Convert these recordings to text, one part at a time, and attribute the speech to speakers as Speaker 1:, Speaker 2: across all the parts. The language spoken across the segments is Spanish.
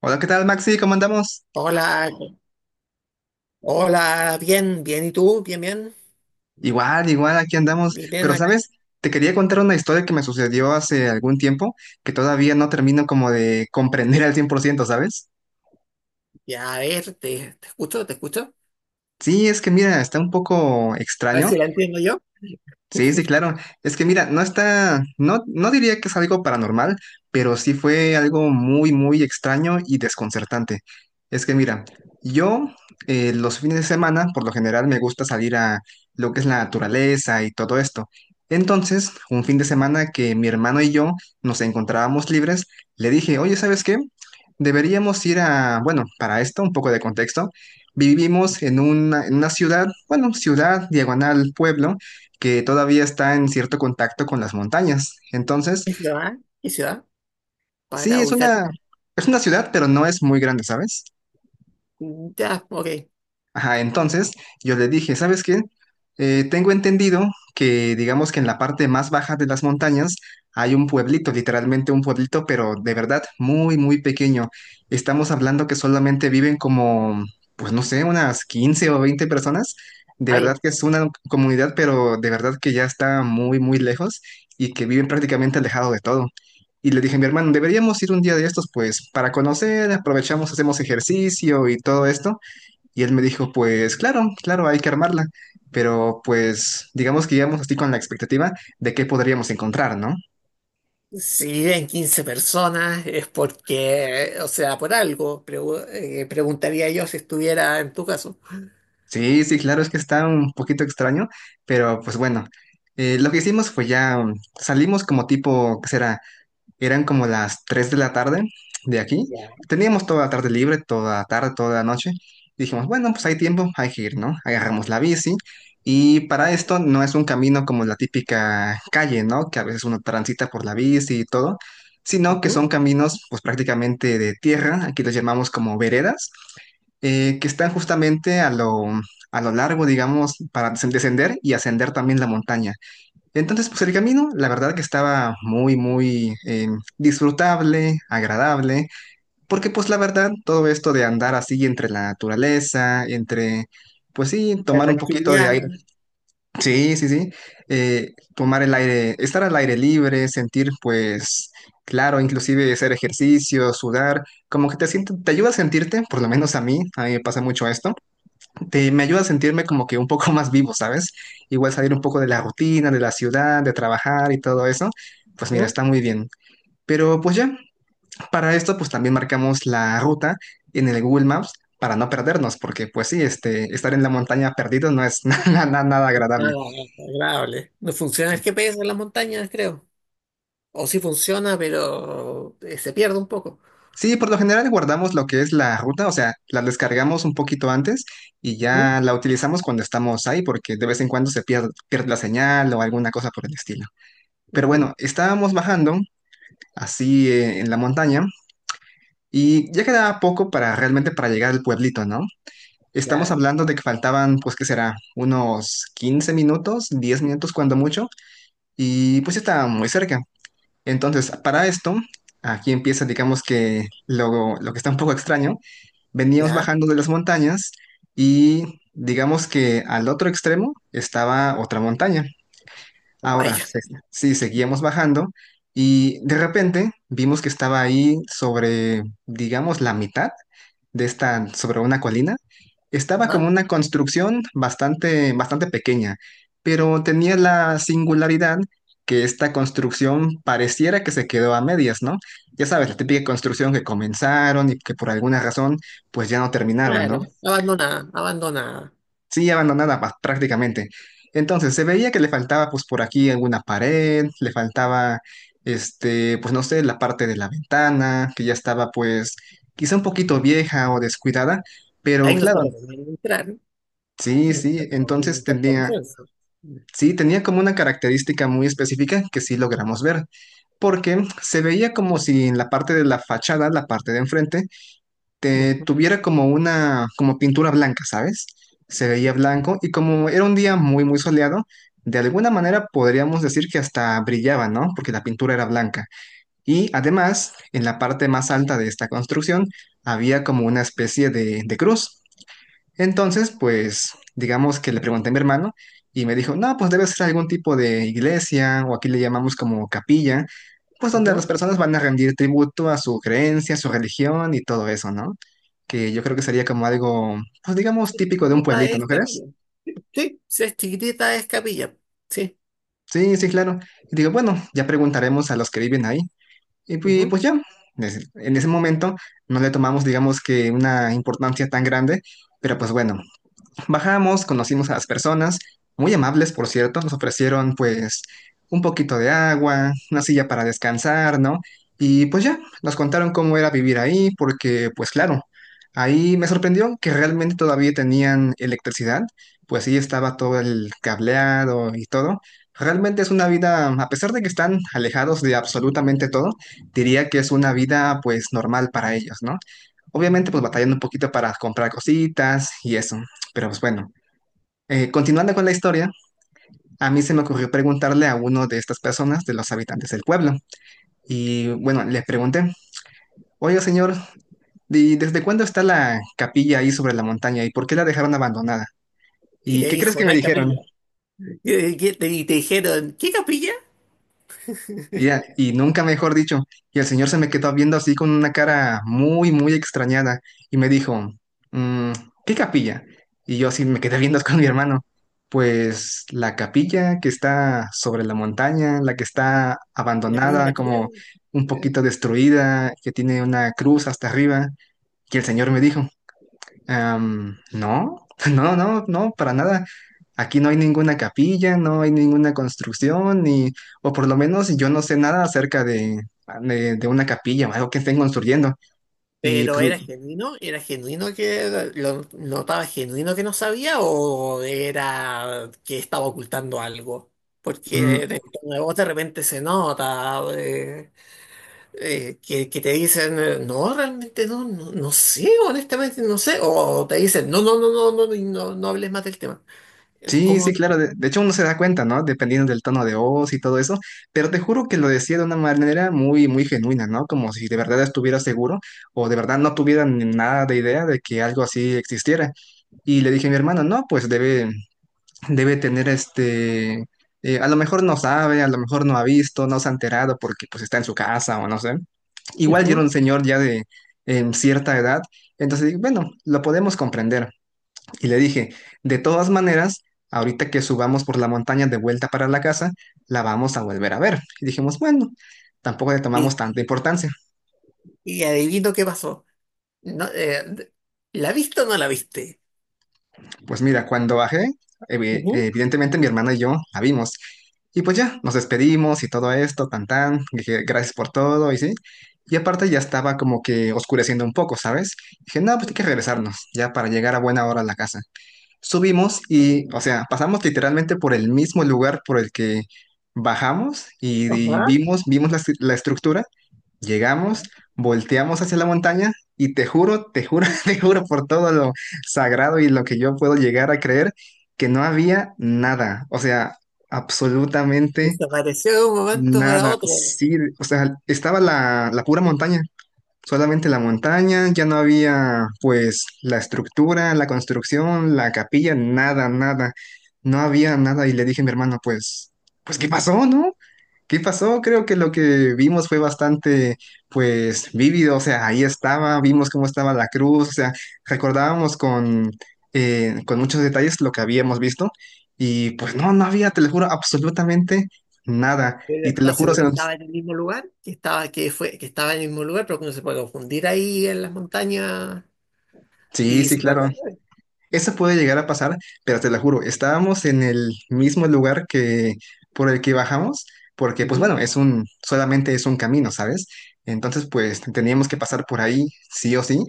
Speaker 1: Hola, ¿qué tal, Maxi? ¿Cómo andamos?
Speaker 2: Hola, hola, bien, bien, ¿y tú? Bien, bien,
Speaker 1: Igual, igual, aquí andamos.
Speaker 2: bien, bien
Speaker 1: Pero,
Speaker 2: acá.
Speaker 1: ¿sabes? Te quería contar una historia que me sucedió hace algún tiempo que todavía no termino como de comprender al 100%, ¿sabes?
Speaker 2: Ya, a ver, te escucho, te escucho.
Speaker 1: Sí, es que mira, está un poco
Speaker 2: A ver
Speaker 1: extraño.
Speaker 2: si la entiendo yo.
Speaker 1: Sí, sí, claro. Es que mira, no diría que es algo paranormal, pero sí fue algo muy, muy extraño y desconcertante. Es que mira, yo los fines de semana, por lo general, me gusta salir a lo que es la naturaleza y todo esto. Entonces, un fin de semana que mi hermano y yo nos encontrábamos libres, le dije, oye, ¿sabes qué? Deberíamos ir a, bueno, para esto, un poco de contexto. Vivimos en una ciudad, bueno, ciudad, diagonal, pueblo que todavía está en cierto contacto con las montañas. Entonces,
Speaker 2: ¿Qué ciudad? ¿Qué ciudad?
Speaker 1: sí,
Speaker 2: Para
Speaker 1: es
Speaker 2: ubicarte.
Speaker 1: una ciudad, pero no es muy grande, ¿sabes?
Speaker 2: Ya, ok.
Speaker 1: Ajá, entonces yo le dije, ¿sabes qué? Tengo entendido que digamos que en la parte más baja de las montañas hay un pueblito, literalmente un pueblito, pero de verdad muy, muy pequeño. Estamos hablando que solamente viven como, pues no sé, unas 15 o 20 personas. De
Speaker 2: Ahí.
Speaker 1: verdad que es una comunidad, pero de verdad que ya está muy, muy lejos y que viven prácticamente alejado de todo. Y le dije a mi hermano, deberíamos ir un día de estos, pues, para conocer, aprovechamos, hacemos ejercicio y todo esto. Y él me dijo, pues claro, claro, hay que armarla, pero pues digamos que íbamos así con la expectativa de qué podríamos encontrar, ¿no?
Speaker 2: Si viven 15 personas es porque, o sea, por algo, preguntaría yo si estuviera en tu caso.
Speaker 1: Sí, sí, claro, es que está un poquito extraño, pero pues bueno, lo que hicimos fue ya, salimos como tipo, ¿qué será? Eran como las 3 de la tarde de aquí.
Speaker 2: Ya.
Speaker 1: Teníamos toda la tarde libre, toda la tarde, toda la noche. Dijimos, bueno, pues hay tiempo, hay que ir, ¿no? Agarramos la bici. Y para esto no es un camino como la típica calle, ¿no? Que a veces uno transita por la bici y todo, sino que
Speaker 2: Ujú.
Speaker 1: son caminos pues prácticamente de tierra, aquí los llamamos como veredas, que están justamente a lo largo, digamos, para descender y ascender también la montaña. Entonces, pues el camino, la verdad que estaba muy, muy disfrutable, agradable, porque pues la verdad, todo esto de andar así entre la naturaleza, entre, pues sí,
Speaker 2: La
Speaker 1: tomar un poquito de aire,
Speaker 2: tranquilidad.
Speaker 1: sí, sí, sí, tomar el aire, estar al aire libre, sentir pues, claro, inclusive hacer ejercicio, sudar, como que te siente, te ayuda a sentirte, por lo menos a mí me pasa mucho esto. Me ayuda a sentirme como que un poco más vivo, ¿sabes? Igual salir un poco de la rutina, de la ciudad, de trabajar y todo eso, pues mira,
Speaker 2: Ujú.
Speaker 1: está muy bien. Pero pues ya, para esto pues también marcamos la ruta en el Google Maps para no perdernos, porque pues sí, este, estar en la montaña perdido no es nada, nada nada agradable.
Speaker 2: Nada agradable. No funciona el GPS en las montañas, creo. O sí funciona, pero se pierde un poco.
Speaker 1: Sí, por lo general guardamos lo que es la ruta, o sea, la descargamos un poquito antes y ya la utilizamos cuando estamos ahí, porque de vez en cuando se pierde, pierde la señal o alguna cosa por el estilo. Pero
Speaker 2: Ujú,
Speaker 1: bueno, estábamos bajando así, en la montaña. Y ya quedaba poco para realmente para llegar al pueblito, ¿no? Estamos
Speaker 2: ya,
Speaker 1: hablando de que faltaban, pues, ¿qué será? Unos 15 minutos, 10 minutos cuando mucho, y pues ya estaba muy cerca. Entonces, para esto, aquí empieza, digamos que lo que está un poco extraño. Veníamos
Speaker 2: ya,
Speaker 1: bajando de las montañas y digamos que al otro extremo estaba otra montaña.
Speaker 2: oh,
Speaker 1: Ahora,
Speaker 2: vaya,
Speaker 1: sí, seguíamos bajando y de repente vimos que estaba ahí sobre, digamos, la mitad de esta, sobre una colina. Estaba como
Speaker 2: ajá,
Speaker 1: una construcción bastante, bastante pequeña, pero tenía la singularidad que esta construcción pareciera que se quedó a medias, ¿no? Ya sabes, la típica construcción que comenzaron y que por alguna razón pues ya no terminaron, ¿no?
Speaker 2: claro, abandonada, abandonada.
Speaker 1: Sí, abandonada prácticamente. Entonces, se veía que le faltaba pues por aquí alguna pared, le faltaba este, pues no sé, la parte de la ventana, que ya estaba pues quizá un poquito vieja o descuidada, pero
Speaker 2: Ahí no se
Speaker 1: claro,
Speaker 2: recomienda entrar,
Speaker 1: sí,
Speaker 2: no se
Speaker 1: sí,
Speaker 2: recomienda
Speaker 1: entonces
Speaker 2: entrar por
Speaker 1: tenía,
Speaker 2: licencia.
Speaker 1: sí, tenía como una característica muy específica que sí logramos ver, porque se veía como si en la parte de la fachada, la parte de enfrente,
Speaker 2: Ujú,
Speaker 1: tuviera como una, como pintura blanca, ¿sabes? Se veía blanco y como era un día muy, muy soleado, de alguna manera podríamos decir que hasta brillaba, ¿no? Porque la pintura era blanca. Y además, en la parte más alta de esta construcción había como una especie de cruz. Entonces, pues, digamos que le pregunté a mi hermano y me dijo, no, pues debe ser algún tipo de iglesia o aquí le llamamos como capilla, pues donde las
Speaker 2: ujú.
Speaker 1: personas van a rendir tributo a su creencia, a su religión y todo eso, ¿no? Que yo creo que sería como algo, pues digamos,
Speaker 2: Si es
Speaker 1: típico de un
Speaker 2: chiquitita
Speaker 1: pueblito, ¿no
Speaker 2: es
Speaker 1: crees?
Speaker 2: capilla. Sí, si es chiquitita es capilla. Sí.
Speaker 1: Sí, sí, claro. Y digo, bueno, ya preguntaremos a los que viven ahí. Y
Speaker 2: Ujú,
Speaker 1: pues, ya, en ese momento no le tomamos, digamos, que una importancia tan grande, pero pues bueno, bajamos, conocimos a las personas, muy amables, por cierto, nos ofrecieron pues un poquito de agua, una silla para descansar, ¿no? Y pues ya, nos contaron cómo era vivir ahí, porque pues claro, ahí me sorprendió que realmente todavía tenían electricidad, pues sí estaba todo el cableado y todo. Realmente es una vida, a pesar de que están alejados de absolutamente todo, diría que es una vida pues normal para ellos, ¿no? Obviamente pues batallando
Speaker 2: ujú.
Speaker 1: un poquito para comprar cositas y eso. Pero pues bueno, continuando con la historia, a mí se me ocurrió preguntarle a uno de estas personas, de los habitantes del pueblo. Y bueno, le pregunté, oye señor, ¿y desde cuándo está la capilla ahí sobre la montaña y por qué la dejaron abandonada?
Speaker 2: Y
Speaker 1: ¿Y
Speaker 2: te
Speaker 1: qué crees
Speaker 2: dijo,
Speaker 1: que
Speaker 2: no
Speaker 1: me
Speaker 2: hay
Speaker 1: dijeron?
Speaker 2: capilla. Y, y- y te dijeron, ¿qué capilla?
Speaker 1: Y nunca mejor dicho. Y el señor se me quedó viendo así con una cara muy, muy extrañada y me dijo, "Mm, ¿qué capilla?" Y yo así me quedé viendo con mi hermano. Pues la capilla que está sobre la montaña, la que está
Speaker 2: La cruz,
Speaker 1: abandonada,
Speaker 2: la
Speaker 1: como
Speaker 2: cruz.
Speaker 1: un poquito destruida, que tiene una cruz hasta arriba. Y el señor me dijo, "Am, no, no, no, no, para nada. Aquí no hay ninguna capilla, no hay ninguna construcción, ni, o por lo menos yo no sé nada acerca de, una capilla o algo que estén construyendo." Y
Speaker 2: Pero
Speaker 1: pues,
Speaker 2: era genuino que lo notaba genuino que no sabía o era que estaba ocultando algo.
Speaker 1: mm,
Speaker 2: Porque en tono de voz de repente se nota que te dicen, no, realmente no, no, no sé, honestamente no sé. O te dicen, no, no, no, no, no, no, no hables más del tema.
Speaker 1: sí,
Speaker 2: ¿Cómo?
Speaker 1: sí, claro, de hecho uno se da cuenta, ¿no? Dependiendo del tono de voz y todo eso, pero te juro que lo decía de una manera muy, muy genuina, ¿no? Como si de verdad estuviera seguro o de verdad no tuviera ni nada de idea de que algo así existiera. Y le dije a mi hermano, no, pues debe tener este, a lo mejor no sabe, a lo mejor no ha visto, no se ha enterado porque pues está en su casa o no sé. Igual yo era
Speaker 2: Ujú.
Speaker 1: un señor ya de cierta edad, entonces dije, bueno, lo podemos comprender. Y le dije, de todas maneras, ahorita que subamos por la montaña de vuelta para la casa, la vamos a volver a ver. Y dijimos, bueno, tampoco le tomamos
Speaker 2: Y,
Speaker 1: tanta importancia.
Speaker 2: y adivino qué pasó. No, ¿la viste o no la viste?
Speaker 1: Pues mira, cuando bajé,
Speaker 2: Ujú.
Speaker 1: evidentemente mi hermana y yo la vimos. Y pues ya, nos despedimos y todo esto, tan tan, dije gracias por todo y sí. Y aparte ya estaba como que oscureciendo un poco, ¿sabes? Dije, no, pues hay que regresarnos, ya para llegar a buena hora a la casa. Subimos y, o sea, pasamos literalmente por el mismo lugar por el que bajamos y
Speaker 2: Ajá.
Speaker 1: vimos, vimos la estructura. Llegamos, volteamos hacia la montaña y te juro, te juro por todo lo sagrado y lo que yo puedo llegar a creer, que no había nada, o sea, absolutamente
Speaker 2: Desapareció de un momento para
Speaker 1: nada.
Speaker 2: otro.
Speaker 1: Sí, o sea, estaba la pura montaña, solamente la montaña, ya no había pues la estructura, la construcción, la capilla, nada, nada. No había nada y le dije a mi hermano, pues, ¿qué pasó, no? ¿Qué pasó? Creo que lo que vimos fue bastante, pues, vívido, o sea, ahí estaba, vimos cómo estaba la cruz, o sea, recordábamos con muchos detalles lo que habíamos visto y pues no, no había, te lo juro, absolutamente nada.
Speaker 2: Pero
Speaker 1: Y te lo
Speaker 2: estaba
Speaker 1: juro, o
Speaker 2: seguro
Speaker 1: sea,
Speaker 2: que estaba en el mismo lugar, que estaba, que fue, que estaba en el mismo lugar, pero que uno se puede confundir ahí en las montañas
Speaker 1: sí,
Speaker 2: y
Speaker 1: sí,
Speaker 2: se puede
Speaker 1: claro.
Speaker 2: perder.
Speaker 1: Eso puede llegar a pasar, pero te lo juro, estábamos en el mismo lugar que por el que bajamos, porque pues
Speaker 2: Ujú.
Speaker 1: bueno, es un, solamente es un camino, ¿sabes? Entonces pues teníamos que pasar por ahí, sí o sí.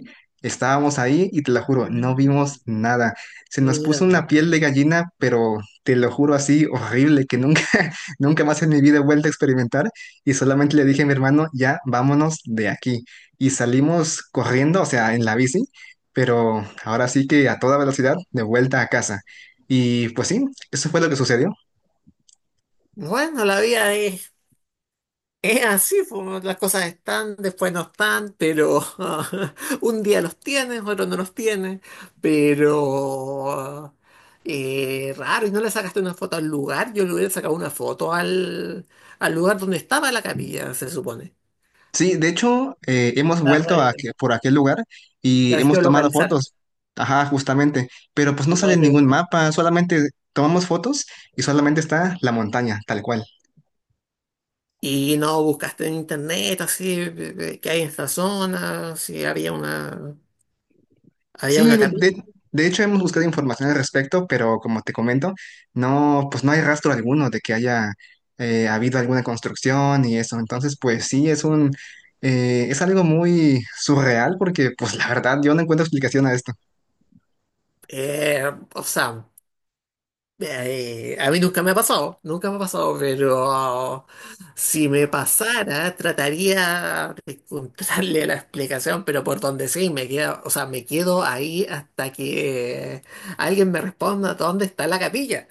Speaker 1: Estábamos ahí y te lo juro, no
Speaker 2: Mm,
Speaker 1: vimos nada. Se nos
Speaker 2: Mira,
Speaker 1: puso una piel
Speaker 2: mira.
Speaker 1: de gallina, pero te lo juro así, horrible, que nunca, nunca más en mi vida he vuelto a experimentar. Y solamente le dije a mi hermano, ya, vámonos de aquí. Y salimos corriendo, o sea, en la bici pero ahora sí que a toda velocidad, de vuelta a casa. Y pues sí, eso fue lo que sucedió.
Speaker 2: Bueno, la vida es así, pues, las cosas están, después no están, pero un día los tienes, otro no los tienes, pero raro, y no le sacaste una foto al lugar, yo le hubiera sacado una foto al lugar donde estaba la capilla, se supone,
Speaker 1: Sí, de hecho, hemos
Speaker 2: para,
Speaker 1: vuelto por aquel lugar y
Speaker 2: para
Speaker 1: hemos tomado
Speaker 2: geolocalizar
Speaker 1: fotos. Ajá, justamente. Pero pues no
Speaker 2: y
Speaker 1: sale
Speaker 2: para
Speaker 1: ningún
Speaker 2: preguntar.
Speaker 1: mapa, solamente tomamos fotos y solamente está la montaña, tal cual.
Speaker 2: Y no buscaste en internet, así, qué hay en esta zona, si había una,
Speaker 1: Sí,
Speaker 2: había una capilla.
Speaker 1: de hecho hemos buscado información al respecto, pero como te comento, no, pues no hay rastro alguno de que haya habido alguna construcción y eso. Entonces, pues sí, es algo muy surreal porque, pues la verdad, yo no encuentro explicación a esto.
Speaker 2: Eh, o sea. A mí nunca me ha pasado, nunca me ha pasado, pero si me pasara, trataría de encontrarle la explicación, pero por donde sí, me quedo, o sea, me quedo ahí hasta que alguien me responda dónde está la capilla.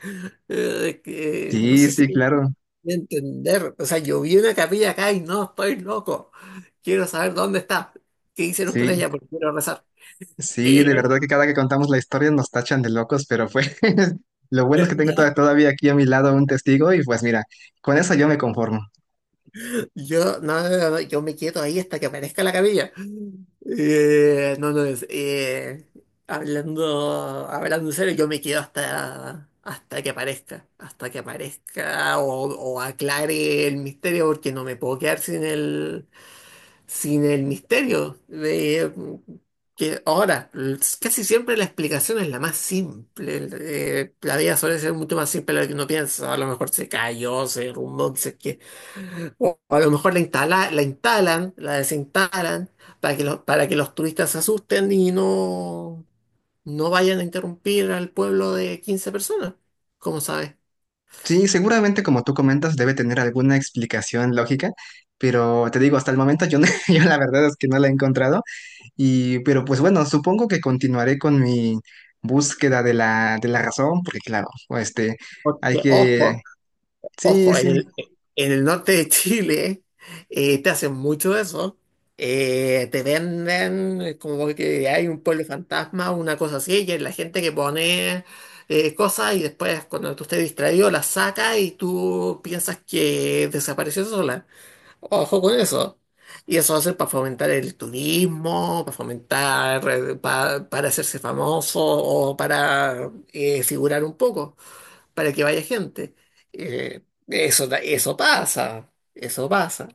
Speaker 2: Que no
Speaker 1: Sí,
Speaker 2: sé si
Speaker 1: sí,
Speaker 2: me
Speaker 1: claro,
Speaker 2: voy a entender, o sea, yo vi una capilla acá y no estoy loco, quiero saber dónde está, qué hicieron con
Speaker 1: sí,
Speaker 2: ella, porque quiero rezar.
Speaker 1: sí,
Speaker 2: Eh,
Speaker 1: de verdad que cada que contamos la historia nos tachan de locos, pero pues lo bueno es que tengo
Speaker 2: no.
Speaker 1: todavía aquí a mi lado un testigo y pues mira, con eso yo me conformo.
Speaker 2: Yo, no, no, no, no, yo me quedo ahí hasta que aparezca la camilla. No, no, hablando en serio, yo me quedo hasta que aparezca, hasta que aparezca o aclare el misterio, porque no me puedo quedar sin el misterio. De que ahora, casi siempre la explicación es la más simple. La vida suele ser mucho más simple de lo que uno piensa. A lo mejor se cayó, se derrumbó, o a lo mejor la instalan, la desinstalan para que los, turistas se asusten y no vayan a interrumpir al pueblo de 15 personas. Como sabes?
Speaker 1: Sí, seguramente como tú comentas debe tener alguna explicación lógica, pero te digo, hasta el momento, yo, no- yo la verdad es que no la he encontrado y pero pues bueno, supongo que continuaré con mi búsqueda de la razón, porque claro, este,
Speaker 2: Porque,
Speaker 1: hay que,
Speaker 2: ojo,
Speaker 1: sí,
Speaker 2: ojo, en
Speaker 1: sí.
Speaker 2: el, en el norte de Chile te hacen mucho eso. Te venden como que hay un pueblo fantasma, una cosa así, y es la gente que pone cosas y después cuando tú estés distraído las saca y tú piensas que desapareció sola. Ojo con eso. Y eso va a ser para fomentar el turismo, para fomentar, para hacerse famoso o para figurar un poco, para que vaya gente. Eso pasa, eso pasa.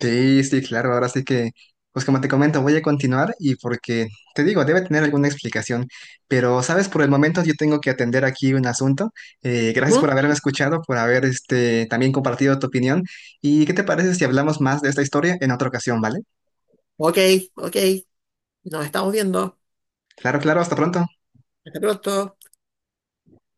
Speaker 1: Sí, sí, claro, ahora sí que, pues como te comento, voy a continuar y porque, te digo, debe tener alguna explicación, pero sabes, por el momento yo tengo que atender aquí un asunto. Gracias por
Speaker 2: Ujú.
Speaker 1: haberme escuchado, por haber este, también compartido tu opinión. ¿Y qué te parece si hablamos más de esta historia en otra ocasión, vale?
Speaker 2: Ok, ok, nos estamos viendo.
Speaker 1: Claro, claro, hasta pronto.
Speaker 2: Hasta pronto.